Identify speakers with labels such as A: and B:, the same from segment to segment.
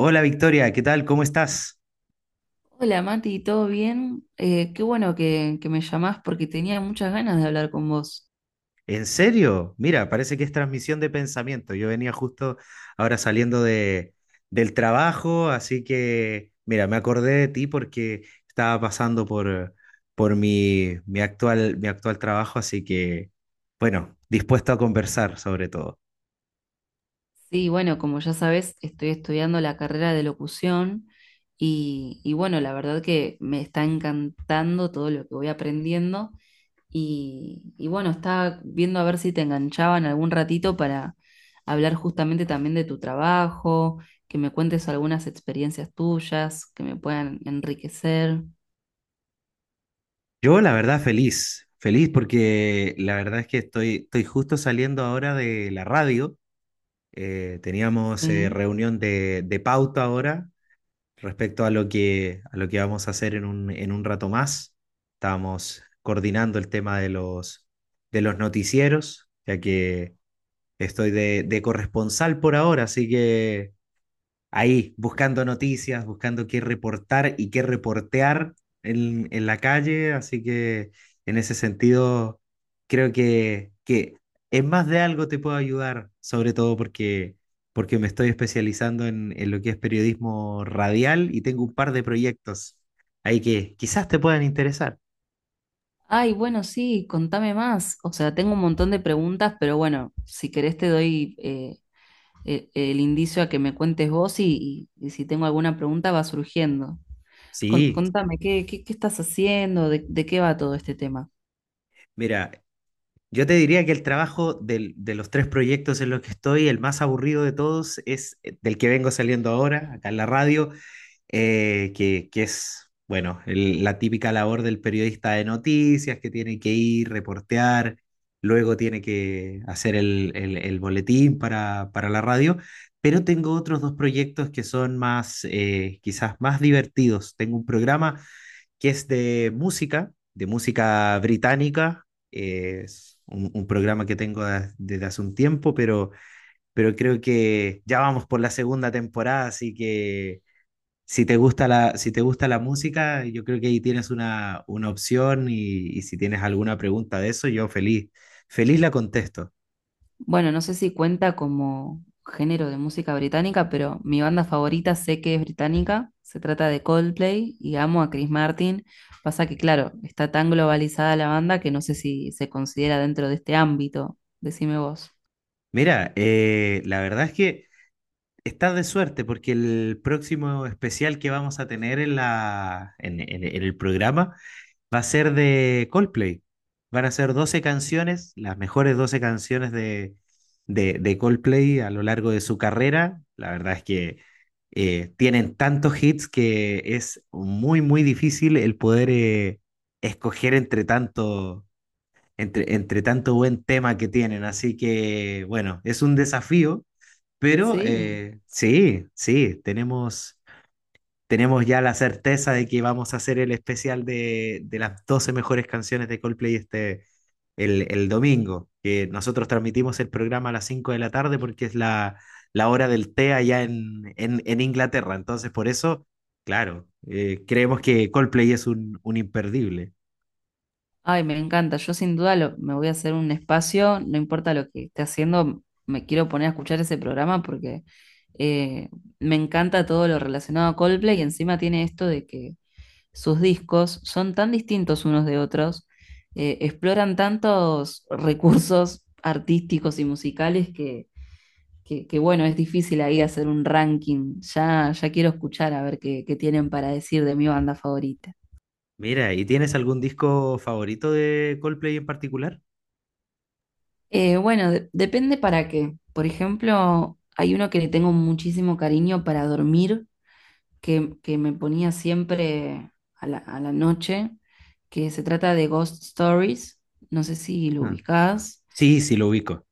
A: Hola Victoria, ¿qué tal? ¿Cómo estás?
B: Hola Mati, ¿todo bien? Qué bueno que me llamás porque tenía muchas ganas de hablar con vos.
A: ¿En serio? Mira, parece que es transmisión de pensamiento. Yo venía justo ahora saliendo del trabajo, así que, mira, me acordé de ti porque estaba pasando por mi actual trabajo, así que, bueno, dispuesto a conversar sobre todo.
B: Sí, bueno, como ya sabés, estoy estudiando la carrera de locución y bueno, la verdad que me está encantando todo lo que voy aprendiendo y bueno, estaba viendo a ver si te enganchaban algún ratito para hablar justamente también de tu trabajo, que me cuentes algunas experiencias tuyas que me puedan enriquecer.
A: Yo, la verdad, feliz, feliz porque la verdad es que estoy justo saliendo ahora de la radio. Teníamos
B: Sí.
A: reunión de pauta ahora respecto a lo a lo que vamos a hacer en en un rato más. Estamos coordinando el tema de de los noticieros, ya que estoy de corresponsal por ahora, así que ahí, buscando noticias, buscando qué reportar y qué reportear en la calle, así que en ese sentido creo que en más de algo te puedo ayudar, sobre todo porque me estoy especializando en lo que es periodismo radial y tengo un par de proyectos ahí que quizás te puedan interesar.
B: Ay, bueno, sí, contame más. O sea, tengo un montón de preguntas, pero bueno, si querés te doy el indicio a que me cuentes vos y, y si tengo alguna pregunta va surgiendo.
A: Sí,
B: Contame, qué estás haciendo? De qué va todo este tema?
A: mira, yo te diría que el trabajo de los tres proyectos en los que estoy, el más aburrido de todos es del que vengo saliendo ahora, acá en la radio, que es, bueno, la típica labor del periodista de noticias, que tiene que ir, reportear, luego tiene que hacer el boletín para la radio, pero tengo otros dos proyectos que son más, quizás más divertidos. Tengo un programa que es de música británica. Es un programa que tengo desde hace un tiempo, pero creo que ya vamos por la segunda temporada, así que si te gusta si te gusta la música, yo creo que ahí tienes una opción y si tienes alguna pregunta de eso, yo feliz, feliz la contesto.
B: Bueno, no sé si cuenta como género de música británica, pero mi banda favorita sé que es británica. Se trata de Coldplay y amo a Chris Martin. Pasa que, claro, está tan globalizada la banda que no sé si se considera dentro de este ámbito. Decime vos.
A: Mira, la verdad es que estás de suerte porque el próximo especial que vamos a tener en en el programa va a ser de Coldplay. Van a ser 12 canciones, las mejores 12 canciones de Coldplay a lo largo de su carrera. La verdad es que tienen tantos hits que es muy, muy difícil el poder escoger entre tanto, entre tanto buen tema que tienen. Así que, bueno, es un desafío, pero
B: Sí,
A: sí, sí, tenemos ya la certeza de que vamos a hacer el especial de las 12 mejores canciones de Coldplay este, el domingo, que nosotros transmitimos el programa a las 5 de la tarde porque es la hora del té allá en Inglaterra. Entonces, por eso, claro, creemos que Coldplay es un imperdible.
B: ay, me encanta. Yo sin duda me voy a hacer un espacio, no importa lo que esté haciendo, me quiero poner a escuchar ese programa porque eh, me encanta todo lo relacionado a Coldplay y encima tiene esto de que sus discos son tan distintos unos de otros, exploran tantos recursos artísticos y musicales que, bueno, es difícil ahí hacer un ranking. Ya, ya quiero escuchar a ver qué tienen para decir de mi banda favorita.
A: Mira, ¿y tienes algún disco favorito de Coldplay en particular?
B: Depende para qué. Por ejemplo, hay uno que le tengo muchísimo cariño para dormir, que me ponía siempre a la noche, que se trata de Ghost Stories. No sé si lo
A: Ah,
B: ubicás.
A: sí, sí, lo ubico.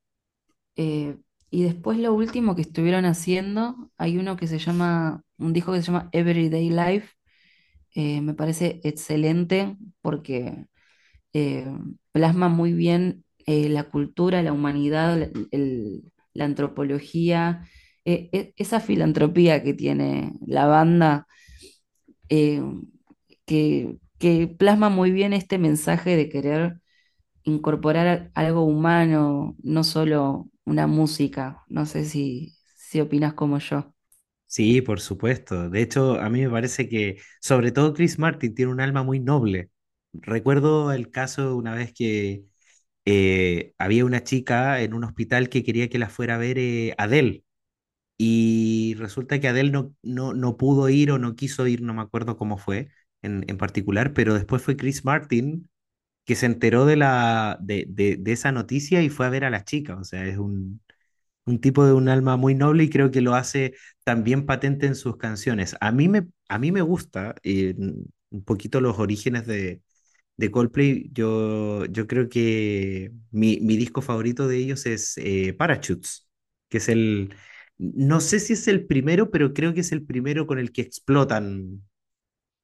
B: Eh, y después lo último que estuvieron haciendo, hay uno que se llama, un disco que se llama Everyday Life. Me parece excelente porque eh, plasma muy bien la cultura, la humanidad, la antropología, esa filantropía que tiene la banda, eh, que plasma muy bien este mensaje de querer incorporar algo humano, no solo una música. No sé si opinas como yo.
A: Sí, por supuesto. De hecho, a mí me parece que, sobre todo Chris Martin, tiene un alma muy noble. Recuerdo el caso una vez que había una chica en un hospital que quería que la fuera a ver Adele y resulta que Adele no pudo ir o no quiso ir, no me acuerdo cómo fue en particular, pero después fue Chris Martin que se enteró de, la, de esa noticia y fue a ver a la chica. O sea, es un tipo de un alma muy noble y creo que lo hace también patente en sus canciones. A mí me gusta un poquito los orígenes de Coldplay. Yo creo que mi disco favorito de ellos es Parachutes, que es no sé si es el primero, pero creo que es el primero con el que explotan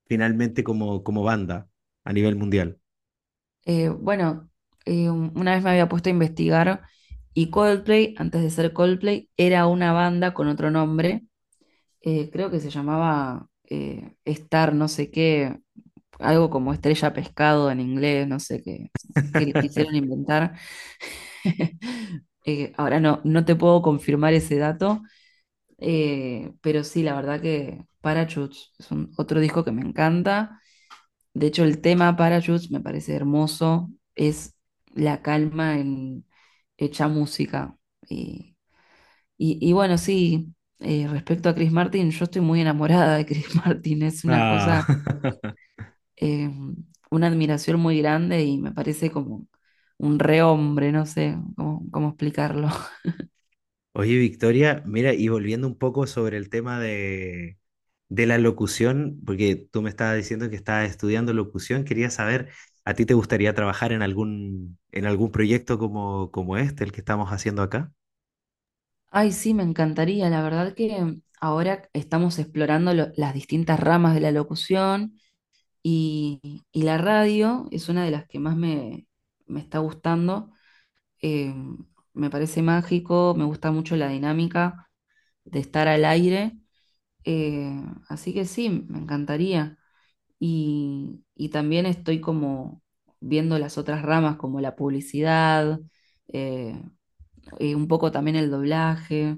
A: finalmente como, como banda a nivel mundial.
B: Eh, bueno, una vez me había puesto a investigar. Y Coldplay, antes de ser Coldplay, era una banda con otro nombre, creo que se llamaba Star, no sé qué, algo como estrella pescado en inglés, no sé qué, que le quisieron inventar. Ahora no te puedo confirmar ese dato, pero sí, la verdad que Parachutes es otro disco que me encanta. De hecho, el tema Parachutes me parece hermoso, es la calma en hecha música. Y y bueno, sí, respecto a Chris Martin, yo estoy muy enamorada de Chris Martin, es una
A: Ah.
B: cosa, eh, una admiración muy grande y me parece como un rehombre, no sé cómo explicarlo.
A: Oye, Victoria, mira, y volviendo un poco sobre el tema de la locución, porque tú me estabas diciendo que estabas estudiando locución, quería saber, ¿a ti te gustaría trabajar en en algún proyecto como, como este, el que estamos haciendo acá?
B: Ay, sí, me encantaría, la verdad que ahora estamos explorando las distintas ramas de la locución y la radio es una de las que más me está gustando. Eh, Me parece mágico, me gusta mucho la dinámica de estar al aire. Eh, Así que sí, me encantaría. Y también estoy como viendo las otras ramas, como la publicidad, eh, y un poco también el doblaje.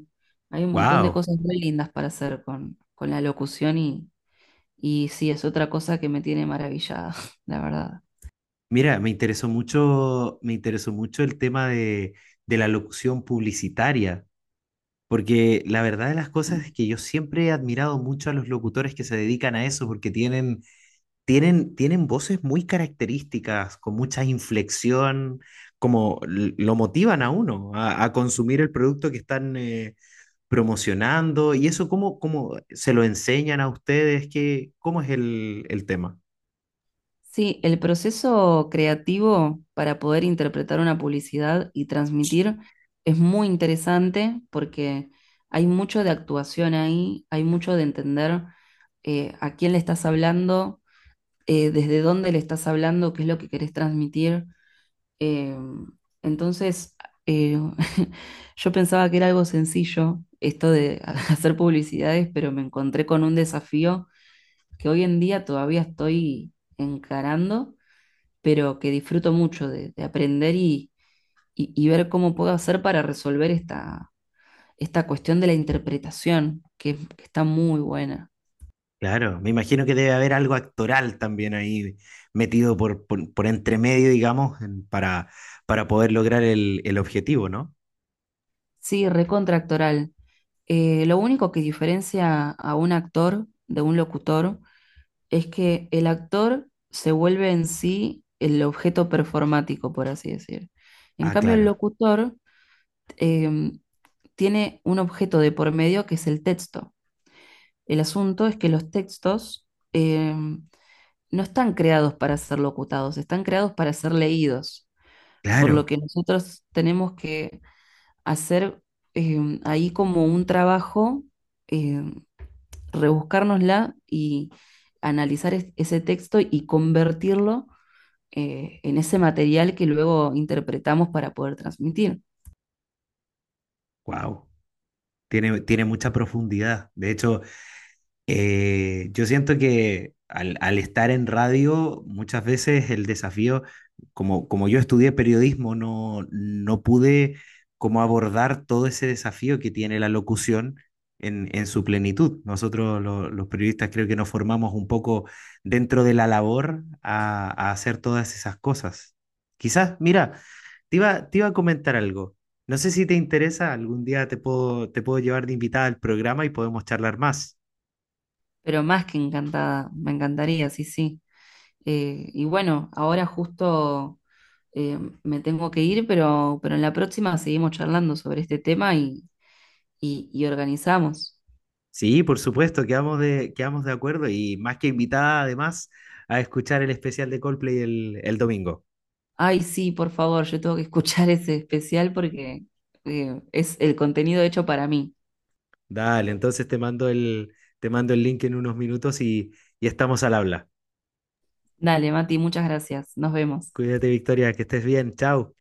B: Hay un montón de
A: Wow.
B: cosas muy lindas para hacer con la locución y sí, es otra cosa que me tiene maravillada, la verdad.
A: Mira, me interesó mucho el tema de la locución publicitaria, porque la verdad de las cosas es que yo siempre he admirado mucho a los locutores que se dedican a eso, porque tienen tienen, tienen voces muy características, con mucha inflexión, como lo motivan a uno a consumir el producto que están promocionando. ¿Y eso cómo, cómo se lo enseñan a ustedes? ¿Qué, cómo es el tema?
B: Sí, el proceso creativo para poder interpretar una publicidad y transmitir es muy interesante porque hay mucho de actuación ahí, hay mucho de entender a quién le estás hablando, desde dónde le estás hablando, qué es lo que querés transmitir. Eh, entonces, eh, yo pensaba que era algo sencillo esto de hacer publicidades, pero me encontré con un desafío que hoy en día todavía estoy encarando, pero que disfruto mucho de aprender y, y ver cómo puedo hacer para resolver esta cuestión de la interpretación, que está muy buena.
A: Claro, me imagino que debe haber algo actoral también ahí metido por entre medio, digamos, para poder lograr el objetivo, ¿no?
B: Sí, recontractoral. Lo único que diferencia a un actor de un locutor es que el actor se vuelve en sí el objeto performático, por así decir. En
A: Ah,
B: cambio, el
A: claro,
B: locutor em, tiene un objeto de por medio que es el texto. El asunto es que los textos, eh, no están creados para ser locutados, están creados para ser leídos, por lo
A: claro,
B: que nosotros tenemos que hacer ahí como un trabajo, eh, rebuscárnosla y analizar ese texto y convertirlo en ese material que luego interpretamos para poder transmitir.
A: wow. Tiene, tiene mucha profundidad. De hecho, yo siento que al estar en radio, muchas veces el desafío, como, como yo estudié periodismo, no pude como abordar todo ese desafío que tiene la locución en su plenitud. Nosotros los periodistas creo que nos formamos un poco dentro de la labor a hacer todas esas cosas. Quizás, mira, te iba a comentar algo. No sé si te interesa, algún día te puedo llevar de invitada al programa y podemos charlar más.
B: Pero más que encantada, me encantaría, sí, sí. Y bueno, ahora justo eh, me tengo que ir, pero en la próxima seguimos charlando sobre este tema y, y organizamos.
A: Sí, por supuesto, quedamos de acuerdo y más que invitada además a escuchar el especial de Coldplay el domingo.
B: Ay, sí, por favor, yo tengo que escuchar ese especial porque es el contenido hecho para mí.
A: Dale, entonces te mando el link en unos minutos y estamos al habla.
B: Dale, Mati, muchas gracias. Nos vemos.
A: Cuídate, Victoria, que estés bien. Chao.